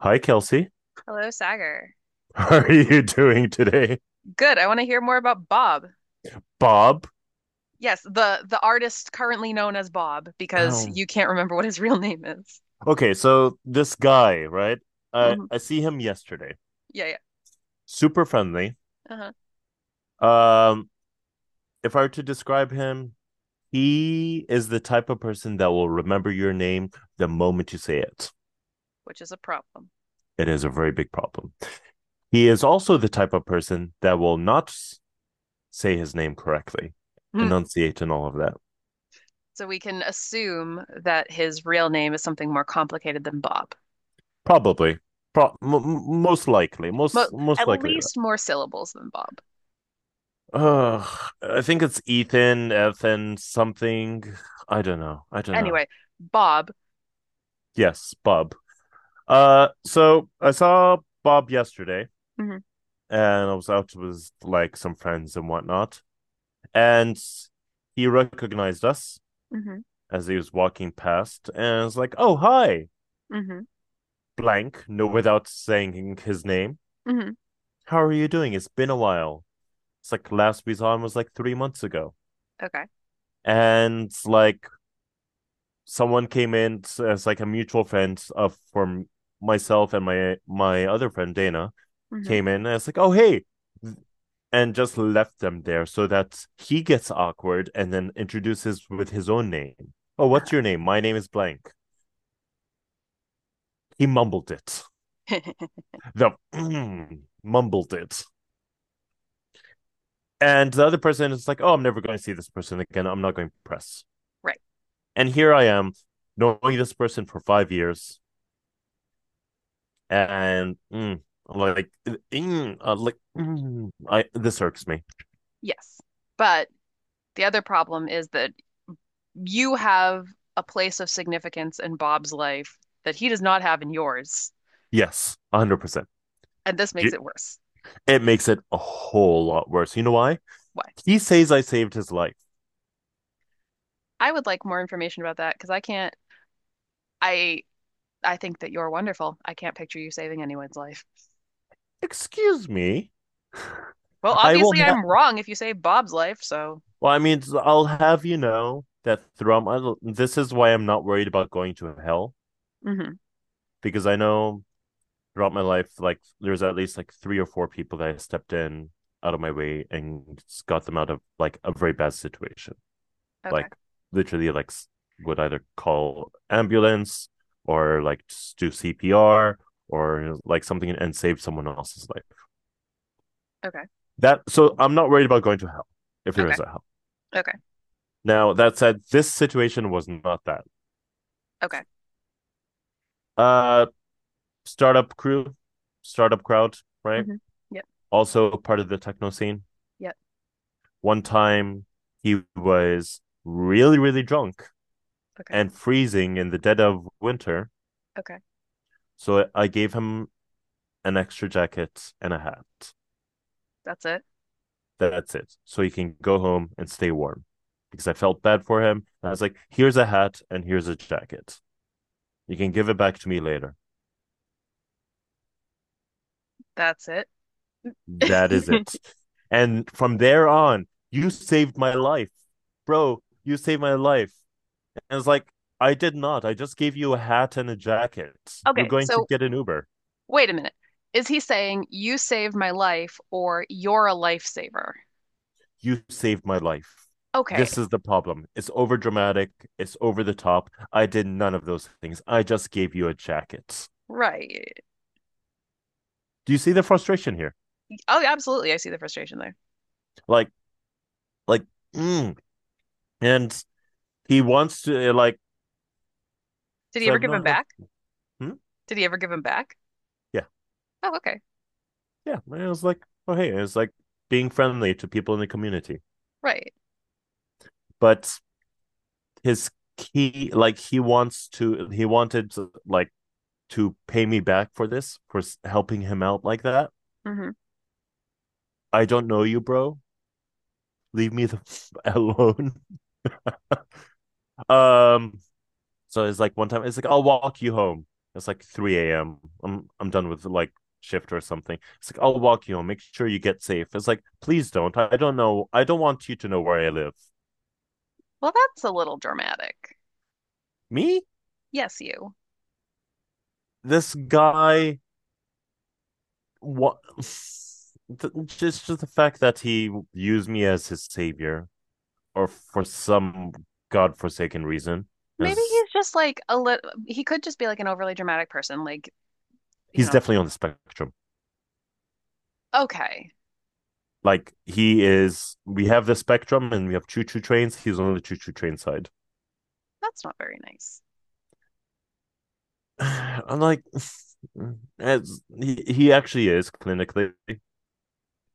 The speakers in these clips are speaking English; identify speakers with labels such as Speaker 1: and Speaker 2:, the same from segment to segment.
Speaker 1: Hi, Kelsey.
Speaker 2: Hello, Sagar.
Speaker 1: How are you doing today,
Speaker 2: Good. I want to hear more about Bob.
Speaker 1: Bob?
Speaker 2: Yes, the artist currently known as Bob because
Speaker 1: Um,
Speaker 2: you can't remember what his real name is.
Speaker 1: okay, so this guy, right? I
Speaker 2: Hmm
Speaker 1: I see him yesterday.
Speaker 2: Yeah, yeah.
Speaker 1: Super friendly.
Speaker 2: Uh-huh.
Speaker 1: Um, if I were to describe him, he is the type of person that will remember your name the moment you say it.
Speaker 2: Which is a problem.
Speaker 1: It is a very big problem. He is also the type of person that will not say his name correctly,
Speaker 2: Mhm.
Speaker 1: enunciate and all of that.
Speaker 2: So we can assume that his real name is something more complicated than Bob.
Speaker 1: Probably, Pro- m- most likely,
Speaker 2: But
Speaker 1: most
Speaker 2: at
Speaker 1: likely that.
Speaker 2: least more syllables than Bob.
Speaker 1: Uh, I think it's Ethan, Ethan, something. I don't know. I don't
Speaker 2: Anyway,
Speaker 1: know.
Speaker 2: Bob.
Speaker 1: Yes, Bob. So I saw Bob yesterday,
Speaker 2: Hmm
Speaker 1: and I was out with like some friends and whatnot, and he recognized us
Speaker 2: hmm
Speaker 1: as he was walking past, and I was like, "Oh, hi,
Speaker 2: hmm
Speaker 1: blank," no, without saying his name.
Speaker 2: hmm
Speaker 1: How are you doing? It's been a while. It's like last we saw him was like 3 months ago,
Speaker 2: Okay.
Speaker 1: and like someone came in as like a mutual friend of from myself and my other friend Dana
Speaker 2: hmm
Speaker 1: came in and it's like, oh hey, and just left them there so that he gets awkward and then introduces with his own name. Oh, what's your name? My name is blank. He mumbled it.
Speaker 2: Uh-huh.
Speaker 1: The mumbled it. And the other person is like, oh, I'm never going to see this person again. I'm not going to press.
Speaker 2: Right.
Speaker 1: And here I am, knowing this person for 5 years, and like like I this irks me.
Speaker 2: Yes. But the other problem is that you have a place of significance in Bob's life that he does not have in yours,
Speaker 1: Yes, 100%.
Speaker 2: and this makes it worse.
Speaker 1: It makes it a whole lot worse. You know why?
Speaker 2: Why?
Speaker 1: He says I saved his life.
Speaker 2: I would like more information about that because I can't. I I think that you're wonderful. I can't picture you saving anyone's life.
Speaker 1: Excuse me.
Speaker 2: Well,
Speaker 1: I will.
Speaker 2: obviously I'm wrong if you save Bob's life, so
Speaker 1: Well, I mean, I'll have you know that throughout my this is why I'm not worried about going to hell
Speaker 2: hmm
Speaker 1: because I know throughout my life, like there's at least like three or four people that I stepped in out of my way and got them out of like a very bad situation.
Speaker 2: Okay.
Speaker 1: Like literally like would either call ambulance or like do CPR or like something and save someone else's life.
Speaker 2: Okay.
Speaker 1: That so I'm not worried about going to hell if there
Speaker 2: Okay.
Speaker 1: is a hell.
Speaker 2: Okay.
Speaker 1: Now that said, this situation was not that.
Speaker 2: Okay.
Speaker 1: Uh Startup crew, startup crowd, right?
Speaker 2: hmm Yep.
Speaker 1: Also part of the techno scene.
Speaker 2: Yep.
Speaker 1: One time he was really, really drunk
Speaker 2: Okay.
Speaker 1: and freezing in the dead of winter.
Speaker 2: Okay.
Speaker 1: So I gave him an extra jacket and a hat.
Speaker 2: That's it.
Speaker 1: That's it. So he can go home and stay warm. Because I felt bad for him. I was like, here's a hat and here's a jacket. You can give it back to me later.
Speaker 2: That's it.
Speaker 1: That is it. And from there on, you saved my life. Bro, you saved my life. And it's like, I did not. I just gave you a hat and a jacket. You're
Speaker 2: Okay,
Speaker 1: going to
Speaker 2: so
Speaker 1: get an Uber.
Speaker 2: wait a minute. Is he saying you saved my life or you're a lifesaver?
Speaker 1: You saved my life.
Speaker 2: Okay,
Speaker 1: This is the problem. It's over dramatic. It's over the top. I did none of those things. I just gave you a jacket.
Speaker 2: right.
Speaker 1: Do you see the frustration here?
Speaker 2: Oh, yeah, absolutely. I see the frustration there.
Speaker 1: Like like mm. and He wants to like
Speaker 2: Did he
Speaker 1: so
Speaker 2: ever
Speaker 1: I've
Speaker 2: give him
Speaker 1: known him.
Speaker 2: back?
Speaker 1: Hmm?
Speaker 2: Did he ever give him back?
Speaker 1: Yeah,
Speaker 2: Oh, okay,
Speaker 1: yeah. And it was like, oh hey, it was like being friendly to people in the community.
Speaker 2: right.
Speaker 1: But his key, like he wants to, he wanted like to pay me back for this for helping him out like that.
Speaker 2: hmm
Speaker 1: I don't know you, bro. Leave me the alone. Um, So it's like one time it's like I'll walk you home. It's like 3 a.m. I'm done with like shift or something. It's like I'll walk you home. Make sure you get safe. It's like please don't. I don't know. I don't want you to know where I live.
Speaker 2: Well, that's a little dramatic.
Speaker 1: Me?
Speaker 2: Yes, you.
Speaker 1: This guy what just the fact that he used me as his savior or for some godforsaken reason
Speaker 2: Maybe
Speaker 1: is
Speaker 2: he's just like a little, he could just be like an overly dramatic person. Like, you
Speaker 1: he's
Speaker 2: know,
Speaker 1: definitely on the spectrum.
Speaker 2: okay,
Speaker 1: Like he is we have the spectrum and we have choo choo trains, he's on the choo choo train side.
Speaker 2: that's not very nice.
Speaker 1: I'm like, as he actually is clinically,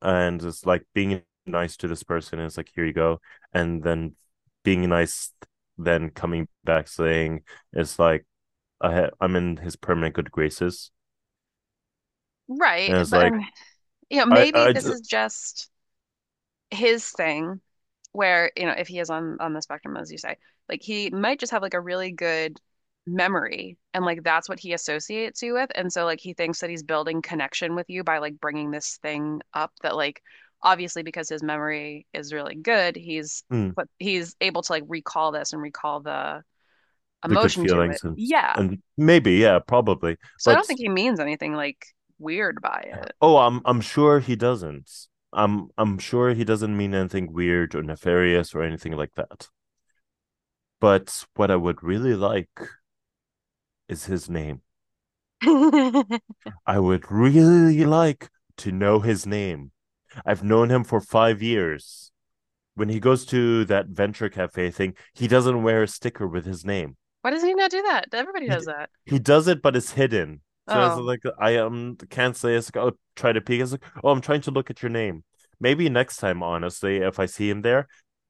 Speaker 1: and it's like being nice to this person is like here you go, and then being nice, then coming back saying it's like I'm in his permanent good graces,
Speaker 2: Right.
Speaker 1: and it's
Speaker 2: But,
Speaker 1: like
Speaker 2: and, you know,
Speaker 1: I
Speaker 2: maybe
Speaker 1: I
Speaker 2: this is just. His thing where, you know, if he is on the spectrum, as you say, like he might just have like a really good memory and like that's what he associates you with. And so like he thinks that he's building connection with you by like bringing this thing up that like obviously because his memory is really good, he's
Speaker 1: mm,
Speaker 2: but he's able to like recall this and recall the
Speaker 1: the good
Speaker 2: emotion to it.
Speaker 1: feelings
Speaker 2: Yeah.
Speaker 1: and maybe yeah probably,
Speaker 2: So I don't
Speaker 1: but
Speaker 2: think he means anything like weird by it.
Speaker 1: oh I'm sure he doesn't. I'm sure he doesn't mean anything weird or nefarious or anything like that. But what I would really like is his name. I would really like to know his name. I've known him for 5 years. When he goes to that venture cafe thing, he doesn't wear a sticker with his name.
Speaker 2: Why does he not do that? Everybody
Speaker 1: He
Speaker 2: does
Speaker 1: d-
Speaker 2: that.
Speaker 1: he does it, but it's hidden. So it's
Speaker 2: Oh.
Speaker 1: like I can't say it's like oh try to peek. It's like oh I'm trying to look at your name. Maybe next time, honestly, if I see him there,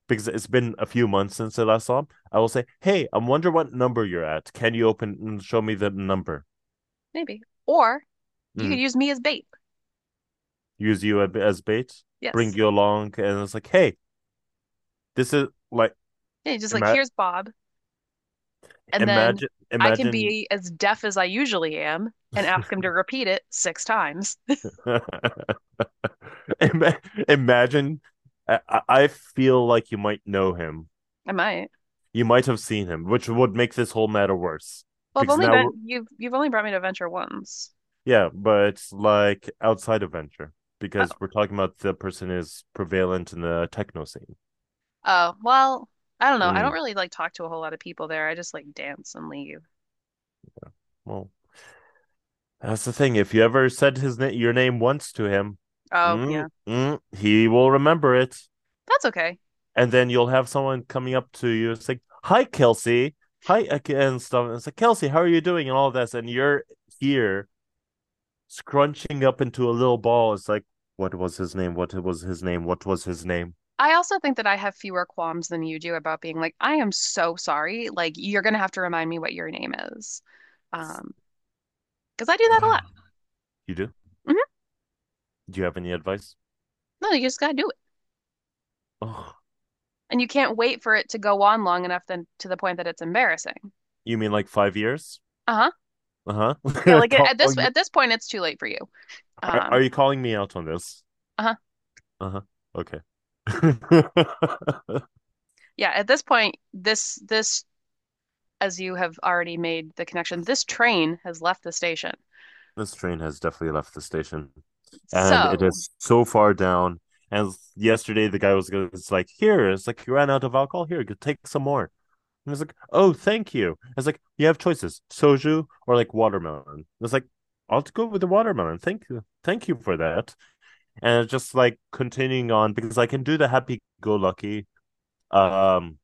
Speaker 1: because it's been a few months since I last saw him, I will say, hey, I'm wondering what number you're at. Can you open and show me the number?
Speaker 2: Maybe. Or you could
Speaker 1: Mm,
Speaker 2: use me as bait.
Speaker 1: use you as bait, bring
Speaker 2: Yes.
Speaker 1: you along, and it's like, hey, this is like
Speaker 2: Yeah, just like
Speaker 1: ima-
Speaker 2: here's Bob, and then
Speaker 1: imagine
Speaker 2: I can
Speaker 1: imagine
Speaker 2: be as deaf as I usually am and ask him to repeat it six times.
Speaker 1: Ima- imagine. I feel like you might know him.
Speaker 2: I might.
Speaker 1: You might have seen him, which would make this whole matter worse
Speaker 2: Well, I've
Speaker 1: because
Speaker 2: only
Speaker 1: now we're
Speaker 2: been you've only brought me to Venture once.
Speaker 1: yeah, but it's like outside of venture
Speaker 2: Oh.
Speaker 1: because we're talking about the person is prevalent in the techno scene.
Speaker 2: Oh, well, I don't know. I don't
Speaker 1: Mm,
Speaker 2: really like talk to a whole lot of people there. I just like dance and leave.
Speaker 1: well, that's the thing. If you ever said your name once to him,
Speaker 2: Oh, yeah.
Speaker 1: he will remember it.
Speaker 2: That's okay.
Speaker 1: And then you'll have someone coming up to you and say, "Hi, Kelsey. Hi," and stuff. And it's like, "Kelsey, how are you doing?" And all this, and you're here scrunching up into a little ball. It's like, what was his name? What was his name? What was his name?
Speaker 2: I also think that I have fewer qualms than you do about being like, I am so sorry. Like, you're gonna have to remind me what your name is. Um, because I do that a lot.
Speaker 1: You do? Do you have any advice?
Speaker 2: No, you just gotta do it.
Speaker 1: Oh,
Speaker 2: And you can't wait for it to go on long enough then to the point that it's embarrassing.
Speaker 1: you mean like 5 years?
Speaker 2: Uh-huh.
Speaker 1: Uh
Speaker 2: Yeah,
Speaker 1: huh.
Speaker 2: like at this
Speaker 1: calling me?
Speaker 2: at this point it's too late for you.
Speaker 1: Are,
Speaker 2: Um,
Speaker 1: are you calling me out on this?
Speaker 2: uh-huh.
Speaker 1: Uh huh. Okay.
Speaker 2: Yeah, at this point this as you have already made the connection, this train has left the station.
Speaker 1: This train has definitely left the station, and it
Speaker 2: So,
Speaker 1: is so far down. And yesterday, the guy was going like, "Here," it's like you ran out of alcohol. Here, go take some more. And I was like, "Oh, thank you." It's like you have choices: soju or like watermelon. I was like I'll go with the watermelon. Thank you for that. And it's just like continuing on because I can do the happy-go-lucky, um,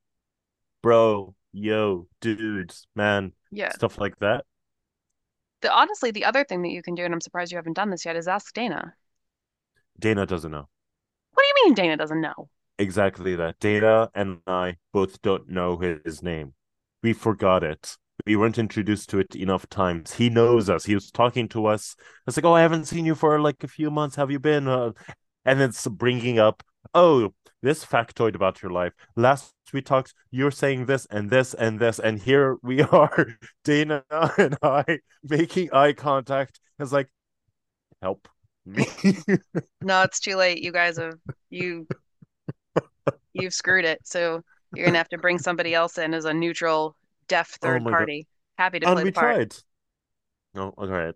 Speaker 1: bro, yo, dudes, man,
Speaker 2: yeah.
Speaker 1: stuff like that.
Speaker 2: The Honestly the other thing that you can do and I'm surprised you haven't done this yet is ask Dana.
Speaker 1: Dana doesn't know.
Speaker 2: What do you mean Dana doesn't know?
Speaker 1: Exactly that. Data and I both don't know his name. We forgot it. We weren't introduced to it enough times. He knows us. He was talking to us. It's like, oh, I haven't seen you for like a few months. Have you been? And it's bringing up, oh, this factoid about your life. Last we talked, you're saying this and this and this, and here we are, Dana and I making eye contact. It's like, help me.
Speaker 2: No, it's too late. You guys have you you've screwed it. So you're gonna have to bring somebody else in as a neutral, deaf
Speaker 1: Oh
Speaker 2: third
Speaker 1: my god.
Speaker 2: party. Happy to
Speaker 1: And
Speaker 2: play the
Speaker 1: we
Speaker 2: part.
Speaker 1: tried. Oh, all right.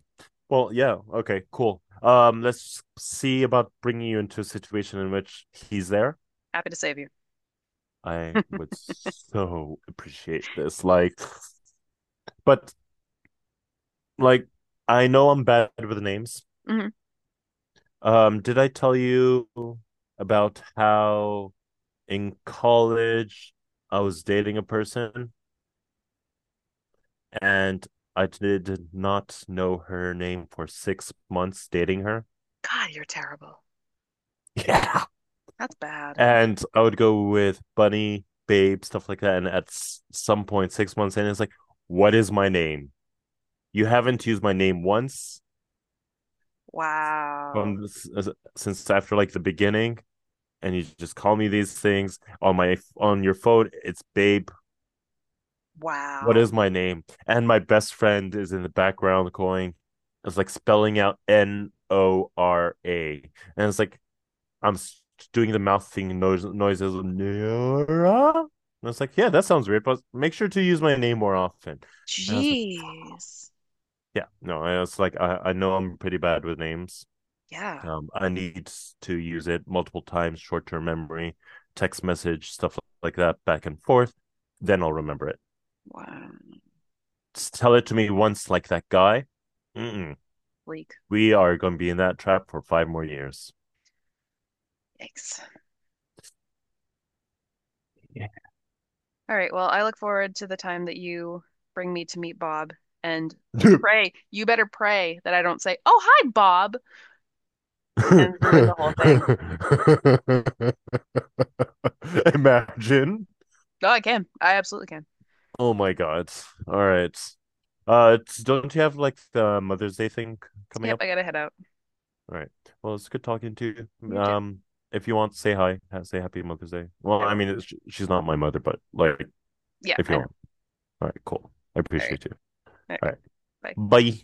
Speaker 1: Well, yeah. Okay, cool. Let's see about bringing you into a situation in which he's there.
Speaker 2: Happy to save you.
Speaker 1: I would so appreciate this. Like, but like, I know I'm bad with names.
Speaker 2: Hmm
Speaker 1: Did I tell you about how in college I was dating a person and I did not know her name for 6 months dating her?
Speaker 2: God, you're terrible.
Speaker 1: Yeah.
Speaker 2: That's bad.
Speaker 1: And I would go with Bunny, Babe, stuff like that. And at some point, 6 months in, it's like, what is my name? You haven't used my name once
Speaker 2: Wow.
Speaker 1: from this, since after like the beginning, and you just call me these things on my on your phone. It's Babe. What is
Speaker 2: Wow.
Speaker 1: my name? And my best friend is in the background going, it's like spelling out Nora, and it's like I'm doing the mouth thing noise noises. Nora? And I was like, yeah, that sounds weird, but make sure to use my name more often. And I was like,
Speaker 2: Jeez.
Speaker 1: yeah, no, I was like, I know I'm pretty bad with names.
Speaker 2: Yeah.
Speaker 1: I need to use it multiple times, short term memory, text message, stuff like that, back and forth. Then I'll remember it.
Speaker 2: Wow.
Speaker 1: Just tell it to me once, like that guy. Mm-mm.
Speaker 2: Bleak.
Speaker 1: We are going to be in that trap for 5 more years.
Speaker 2: Yikes.
Speaker 1: Yeah.
Speaker 2: All right. Well, I look forward to the time that you bring me to meet Bob and pray. You better pray that I don't say, "Oh, hi, Bob," and ruin the whole thing.
Speaker 1: Imagine.
Speaker 2: Oh, I can. I absolutely can.
Speaker 1: Oh my God. All right. It's- don't you have like the Mother's Day thing coming
Speaker 2: Yep,
Speaker 1: up?
Speaker 2: I gotta head out.
Speaker 1: All right. Well, it's good talking to you.
Speaker 2: You too.
Speaker 1: Um, if you want, say hi. Say happy Mother's Day. Well,
Speaker 2: I
Speaker 1: I
Speaker 2: will.
Speaker 1: mean, it's, she's not my mother, but like,
Speaker 2: Yeah,
Speaker 1: if
Speaker 2: I
Speaker 1: you
Speaker 2: know.
Speaker 1: want. All right, cool. I
Speaker 2: All right.
Speaker 1: appreciate you.
Speaker 2: All
Speaker 1: All
Speaker 2: right.
Speaker 1: right.
Speaker 2: Bye.
Speaker 1: Bye.